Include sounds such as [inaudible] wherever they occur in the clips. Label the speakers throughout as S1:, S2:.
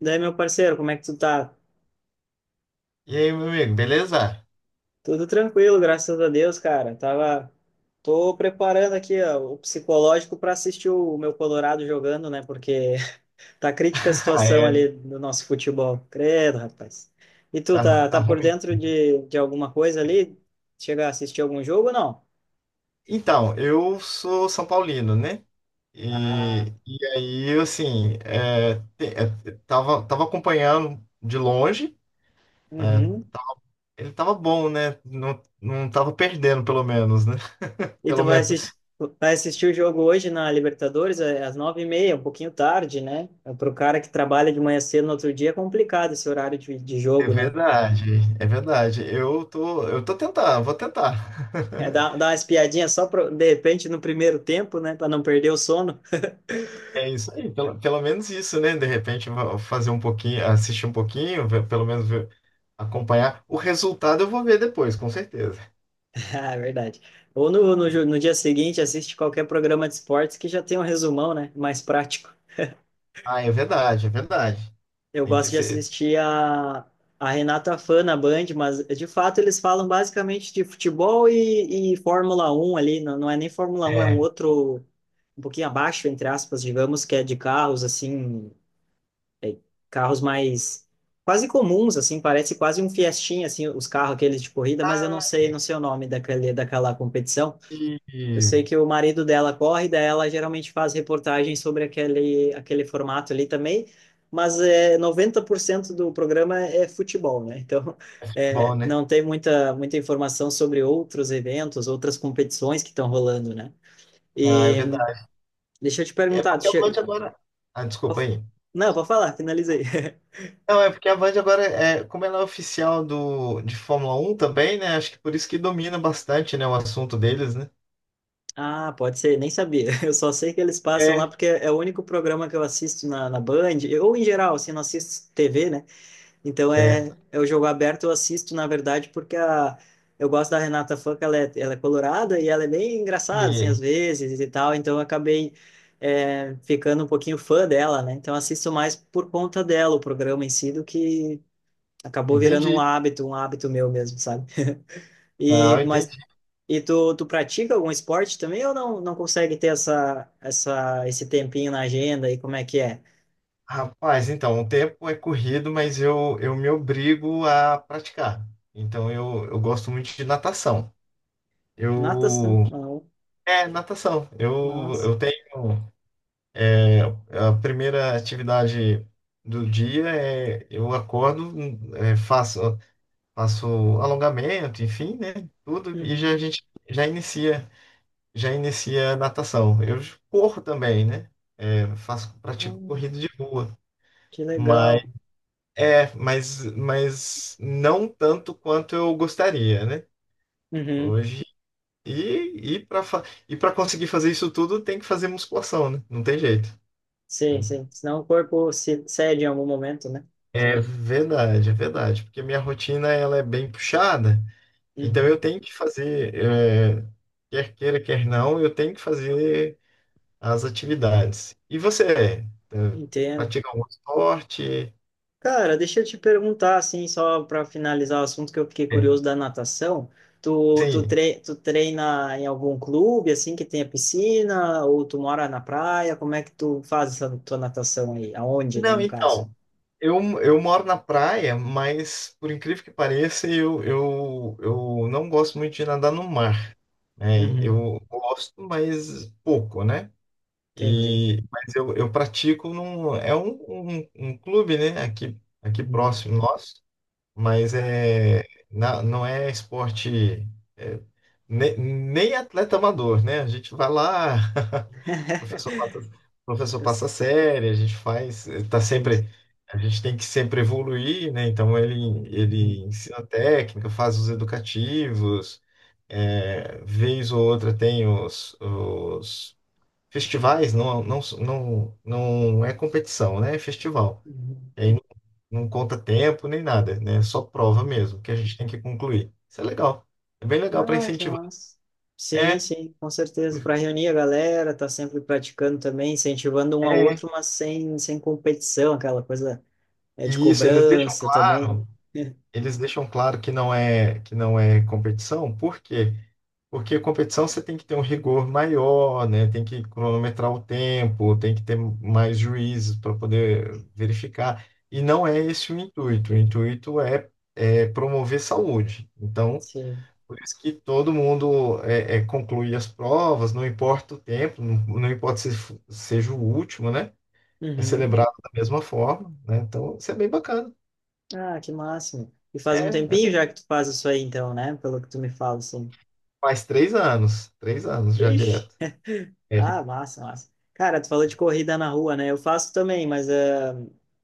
S1: Daí, meu parceiro, como é que tu tá?
S2: E aí, meu amigo, beleza? [laughs]
S1: Tudo tranquilo, graças a Deus, cara. Tô preparando aqui, ó, o psicológico para assistir o meu Colorado jogando, né? Porque [laughs] tá crítica a
S2: Ah,
S1: situação
S2: é.
S1: ali do nosso futebol. Credo, rapaz. E tu
S2: Tá,
S1: tá,
S2: tá
S1: tá por
S2: ruim.
S1: dentro de alguma coisa ali? Chega a assistir algum jogo ou não?
S2: Então, eu sou São Paulino, né?
S1: Ah,
S2: E aí, assim, tava acompanhando de longe, né?
S1: uhum.
S2: Ele tava bom, né? Não tava perdendo, pelo menos, né? [laughs]
S1: E tu
S2: Pelo
S1: vai
S2: menos.
S1: assistir o jogo hoje na Libertadores às 9h30, um pouquinho tarde, né? Para o cara que trabalha de manhã cedo no outro dia é complicado esse horário de
S2: É
S1: jogo, né?
S2: verdade, é verdade. Eu tô tentando, vou tentar.
S1: É,
S2: [laughs]
S1: dá uma espiadinha só pro, de repente no primeiro tempo, né? Para não perder o sono. [laughs]
S2: É isso aí, pelo menos isso, né? De repente fazer um pouquinho, assistir um pouquinho, pelo menos ver, acompanhar. O resultado eu vou ver depois, com certeza.
S1: Ah, é verdade. Ou no dia seguinte assiste qualquer programa de esportes que já tem um resumão, né? Mais prático.
S2: Ah, é verdade, é verdade.
S1: Eu
S2: Tem que
S1: gosto de
S2: ser.
S1: assistir a Renata Fã na Band, mas de fato eles falam basicamente de futebol e Fórmula 1 ali, não, não é nem Fórmula 1, é um
S2: É.
S1: outro, um pouquinho abaixo, entre aspas, digamos, que é de carros, assim, é, carros mais quase comuns, assim, parece quase um Fiestinha, assim, os carros aqueles de corrida, mas eu não
S2: Ah,
S1: sei, não sei o nome daquele, daquela competição.
S2: E...
S1: Eu sei que o marido dela corre, daí ela geralmente faz reportagem sobre aquele formato ali também, mas 90% do programa é futebol, né? Então, [laughs]
S2: Bom, né?
S1: não tem muita, muita informação sobre outros eventos, outras competições que estão rolando, né?
S2: Ah, é
S1: E
S2: verdade.
S1: deixa eu te
S2: É
S1: perguntar,
S2: porque a Band agora. Ah, desculpa aí.
S1: não, pode falar, finalizei. [laughs]
S2: Não, é porque a Band agora, como ela é oficial de Fórmula 1 também, né? Acho que por isso que domina bastante, né, o assunto deles, né?
S1: Ah, pode ser, nem sabia. [laughs] Eu só sei que eles passam lá
S2: É.
S1: porque é o único programa que eu assisto na Band, ou em geral, assim, não assisto TV, né? Então
S2: Certo.
S1: é o jogo aberto, eu assisto, na verdade, porque eu gosto da Renata Fã, que ela é colorada e ela é bem engraçada, assim, às
S2: E-
S1: vezes e tal, então eu acabei ficando um pouquinho fã dela, né? Então eu assisto mais por conta dela o programa em si, do que acabou virando
S2: Entendi.
S1: um hábito meu mesmo, sabe?
S2: Não,
S1: E,
S2: entendi.
S1: mas, e tu pratica algum esporte também ou não, não consegue ter esse tempinho na agenda e como é que é?
S2: Rapaz, então, o tempo é corrido, mas eu me obrigo a praticar. Então, eu gosto muito de natação. Eu.
S1: Natação, não,
S2: É, natação. Eu,
S1: mas...
S2: eu tenho. é, a primeira atividade do dia é. Eu acordo, é, faço, faço alongamento, enfim, né? Tudo, e já a gente já inicia, já inicia a natação. Eu corro também, né? É, pratico
S1: Uhum.
S2: corrida de rua.
S1: Que legal.
S2: É, mas não tanto quanto eu gostaria, né?
S1: Uhum.
S2: Hoje. E, e para e para conseguir fazer isso tudo, tem que fazer musculação, né? Não tem jeito,
S1: Sim,
S2: né?
S1: sim. Senão o corpo se cede em algum momento, né?
S2: É verdade, é verdade. Porque minha rotina ela é bem puxada, então eu
S1: Uhum.
S2: tenho que fazer, quer queira, quer não, eu tenho que fazer as atividades. E você, é,
S1: Entendo.
S2: pratica algum esporte?
S1: Cara, deixa eu te perguntar, assim, só para finalizar o assunto que eu fiquei curioso
S2: É.
S1: da natação. Tu, tu,
S2: Sim,
S1: tre tu treina em algum clube, assim, que tenha piscina? Ou tu mora na praia? Como é que tu faz essa tua natação aí? Aonde, né,
S2: não,
S1: no caso?
S2: então, eu moro na praia, mas por incrível que pareça, eu não gosto muito de nadar no mar, né?
S1: Uhum.
S2: Eu gosto, mas pouco, né?
S1: Entendi.
S2: E, mas eu pratico é um clube, né? Aqui
S1: Uhum.
S2: próximo nosso, mas
S1: Ah.
S2: não é esporte, é, nem atleta amador, né? A gente vai lá. [laughs] O professor passa, o
S1: [laughs]
S2: professor passa série, a gente faz, tá
S1: Entendi.
S2: sempre, a gente tem que sempre evoluir, né? Então ele
S1: Uhum.
S2: ensina técnica, faz os educativos, vez ou outra tem os festivais, não é competição, né? É festival.
S1: Uhum.
S2: E aí não conta tempo nem nada, né? É só prova
S1: Uhum.
S2: mesmo, que a gente tem que concluir. Isso é legal. É bem legal para
S1: Ah, que
S2: incentivar.
S1: massa. Sim,
S2: É,
S1: sim, com certeza. Para reunir a galera, tá sempre praticando também, incentivando um ao
S2: é,
S1: outro, mas sem competição, aquela coisa é de
S2: e isso, eles deixam
S1: cobrança também,
S2: claro.
S1: né?
S2: Eles deixam claro que não é competição, por quê? Porque competição você tem que ter um rigor maior, né? Tem que cronometrar o tempo, tem que ter mais juízes para poder verificar. E não é esse o intuito. O intuito é, promover saúde.
S1: [laughs]
S2: Então,
S1: Sim.
S2: por isso que todo mundo conclui as provas, não importa o tempo, não importa se seja o último, né? É
S1: Uhum.
S2: celebrado da mesma forma, né? Então, isso é bem bacana.
S1: Ah, que máximo. E faz um tempinho
S2: é
S1: já que tu faz isso aí, então, né? Pelo que tu me fala, assim.
S2: Faz 3 anos. 3 anos já
S1: Ixi.
S2: direto. É,
S1: Ah, massa, massa. Cara, tu falou de corrida na rua, né? Eu faço também, mas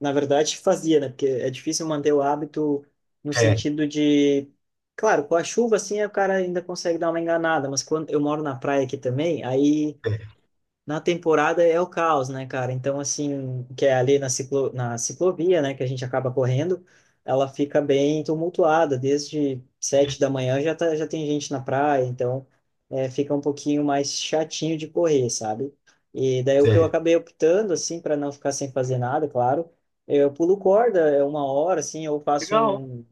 S1: na verdade [laughs] fazia, né? Porque é difícil manter o hábito no
S2: é,
S1: sentido de. Claro, com a chuva assim o cara ainda consegue dar uma enganada, mas quando eu moro na praia aqui também, aí
S2: é.
S1: na temporada é o caos, né, cara? Então, assim, que é ali na ciclovia, né, que a gente acaba correndo, ela fica bem tumultuada. Desde 7 da manhã já, tá, já tem gente na praia, então fica um pouquinho mais chatinho de correr, sabe? E daí o que eu
S2: é.
S1: acabei optando, assim, para não ficar sem fazer nada, claro, eu pulo corda, é uma hora, assim, eu faço
S2: Legal.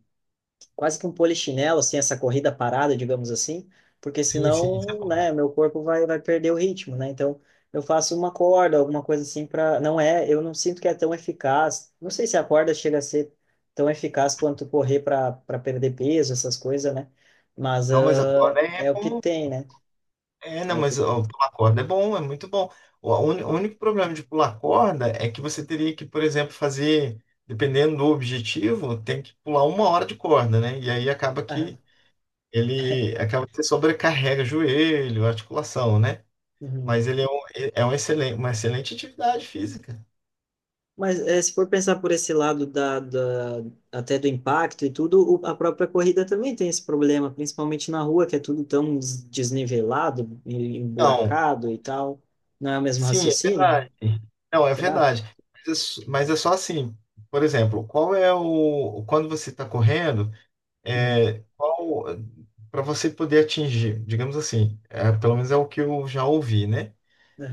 S1: quase que um polichinelo, assim, essa corrida parada, digamos assim, porque
S2: Sim, sim, isso é
S1: senão,
S2: bom.
S1: né, meu corpo vai perder o ritmo, né? Então, eu faço uma corda, alguma coisa assim para, não é, eu não sinto que é tão eficaz. Não sei se a corda chega a ser tão eficaz quanto correr para perder peso, essas coisas, né? Mas
S2: Não, mas a corda é
S1: é o que
S2: bom.
S1: tem, né?
S2: É, não,
S1: É o que
S2: mas ó,
S1: tem.
S2: pular corda é bom, é muito bom. O único problema de pular corda é que você teria que, por exemplo, fazer, dependendo do objetivo, tem que pular uma hora de corda, né? E aí acaba
S1: Aham.
S2: que ele acaba que você sobrecarrega joelho, articulação, né?
S1: Uhum.
S2: Mas ele é, uma excelente atividade física.
S1: Mas se for pensar por esse lado até do impacto e tudo, a própria corrida também tem esse problema, principalmente na rua, que é tudo tão desnivelado, e
S2: Então,
S1: emburacado e tal. Não é o mesmo
S2: sim, é
S1: raciocínio?
S2: verdade. Não, é
S1: Será?
S2: verdade. Mas é só assim. Por exemplo, qual é o. Quando você está correndo,
S1: Uhum.
S2: é, qual. Para você poder atingir, digamos assim, pelo menos é o que eu já ouvi, né?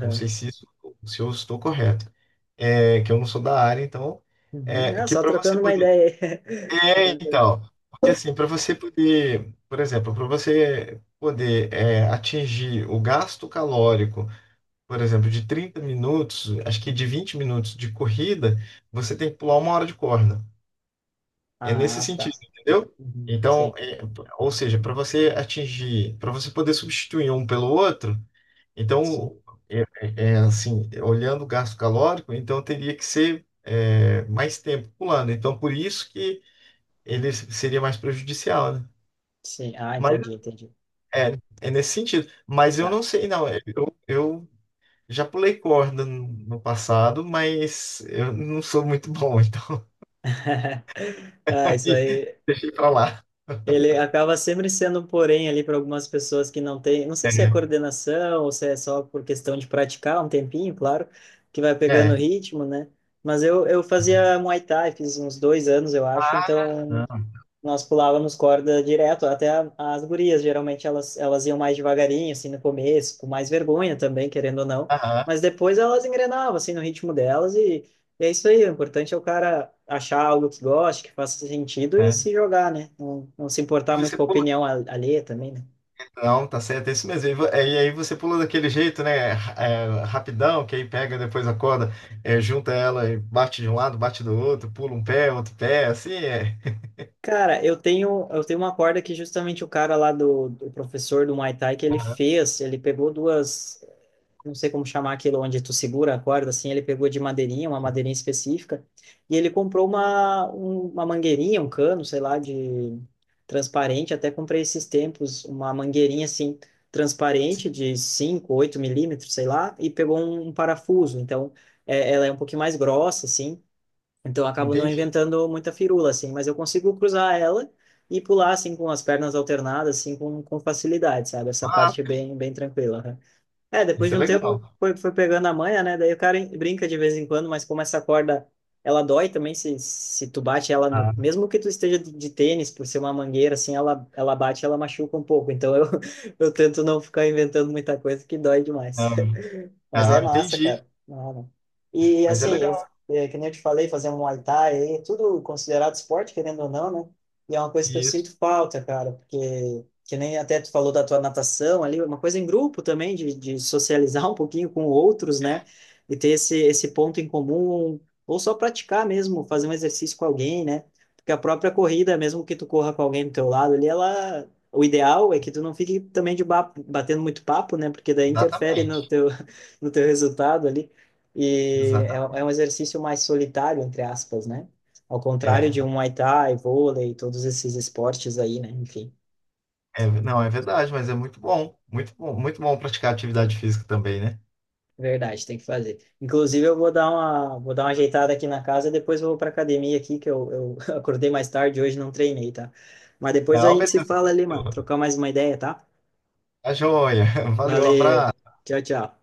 S2: Não sei se, isso, se eu estou correto. É, que eu não sou da área, então.
S1: Uhum.
S2: É,
S1: É,
S2: que
S1: só
S2: para você
S1: trocando uma
S2: poder.
S1: ideia.
S2: É,
S1: Aí.
S2: então. Porque assim, para você poder. Por exemplo, para você poder atingir o gasto calórico, por exemplo, de 30 minutos, acho que de 20 minutos de corrida, você tem que pular uma hora de corda.
S1: [laughs]
S2: É nesse
S1: Ah, tá.
S2: sentido, entendeu?
S1: Uhum.
S2: Então,
S1: Sim,
S2: ou seja, para você poder substituir um pelo outro,
S1: sim,
S2: então, assim, olhando o gasto calórico, então teria que ser mais tempo pulando. Então, por isso que ele seria mais prejudicial, né?
S1: sim. Ah,
S2: Mas
S1: entendi, entendi.
S2: é, nesse sentido. Mas eu
S1: Tá.
S2: não sei, não. Eu já pulei corda no passado, mas eu não sou muito bom, então
S1: [laughs]
S2: [laughs]
S1: Ah, isso
S2: aí
S1: aí.
S2: deixei pra lá.
S1: Ele acaba sempre sendo um porém ali para algumas pessoas que não têm, não sei se é
S2: É.
S1: coordenação ou se é só por questão de praticar um tempinho, claro, que vai pegando
S2: É.
S1: o ritmo, né? Mas eu fazia Muay Thai, fiz uns 2 anos, eu acho,
S2: Ah,
S1: então nós pulávamos corda direto, até as gurias, geralmente elas iam mais devagarinho, assim, no começo, com mais vergonha também, querendo ou não,
S2: aham,
S1: mas depois elas engrenavam, assim, no ritmo delas, e é isso aí, o importante é o cara achar algo que goste, que faça sentido e
S2: é.
S1: se jogar, né? Não, não se
S2: E
S1: importar muito
S2: você
S1: com a
S2: pula.
S1: opinião alheia também, né?
S2: Não, tá certo, é isso mesmo. E aí você pula daquele jeito, né? Rapidão, que aí pega depois a corda, junta ela e bate de um lado, bate do outro, pula um pé, outro pé, assim é.
S1: Cara, eu tenho uma corda que justamente o cara lá do professor do Muay Thai que ele
S2: Aham,
S1: fez, ele pegou duas não sei como chamar aquilo onde tu segura a corda, assim, ele pegou de madeirinha, uma madeirinha específica, e ele comprou uma mangueirinha, um cano, sei lá, de transparente, até comprei esses tempos uma mangueirinha, assim,
S2: sim,
S1: transparente, de 5, 8 milímetros, sei lá, e pegou um parafuso, então ela é um pouquinho mais grossa, assim, então eu acabo não
S2: entendi.
S1: inventando muita firula, assim, mas eu consigo cruzar ela e pular, assim, com as pernas alternadas, assim, com facilidade, sabe? Essa
S2: Ah,
S1: parte é
S2: sim,
S1: bem, bem tranquila, né? É, depois
S2: isso
S1: de
S2: é
S1: um tempo
S2: legal.
S1: foi pegando a manha, né? Daí o cara brinca de vez em quando, mas como essa corda, ela dói também se tu bate ela no...
S2: Ah,
S1: Mesmo que tu esteja de tênis, por ser uma mangueira, assim, ela bate, ela machuca um pouco. Então eu, [laughs] eu tento não ficar inventando muita coisa que dói demais.
S2: não,
S1: Mas é
S2: ah,
S1: massa,
S2: entendi.
S1: cara. Não, E
S2: Mas é
S1: assim,
S2: legal.
S1: que nem eu te falei, fazer um Muay Thai, aí, é tudo considerado esporte, querendo ou não, né? E é uma coisa que eu
S2: Isso,
S1: sinto falta, cara, porque que nem até tu falou da tua natação ali, uma coisa em grupo também, de socializar um pouquinho com outros, né? E ter esse ponto em comum, ou só praticar mesmo, fazer um exercício com alguém, né? Porque a própria corrida, mesmo que tu corra com alguém do teu lado ali, ela. O ideal é que tu não fique também de batendo muito papo, né? Porque daí interfere no
S2: exatamente.
S1: teu, do teu resultado ali. E é,
S2: Exatamente.
S1: é um exercício mais solitário, entre aspas, né? Ao contrário
S2: é
S1: de um Muay Thai, vôlei, todos esses esportes aí, né? Enfim,
S2: É, não, é verdade, mas é muito bom. Muito bom, muito bom praticar atividade física também, né?
S1: é verdade, tem que fazer. Inclusive, eu vou dar uma ajeitada aqui na casa, depois eu vou para academia aqui, que eu [laughs] acordei mais tarde, hoje não treinei, tá? Mas depois a
S2: Não,
S1: gente se
S2: beleza.
S1: fala ali, mano. Trocar mais uma ideia, tá?
S2: A joia. [laughs] Valeu,
S1: Valeu.
S2: abraço.
S1: Tchau, tchau.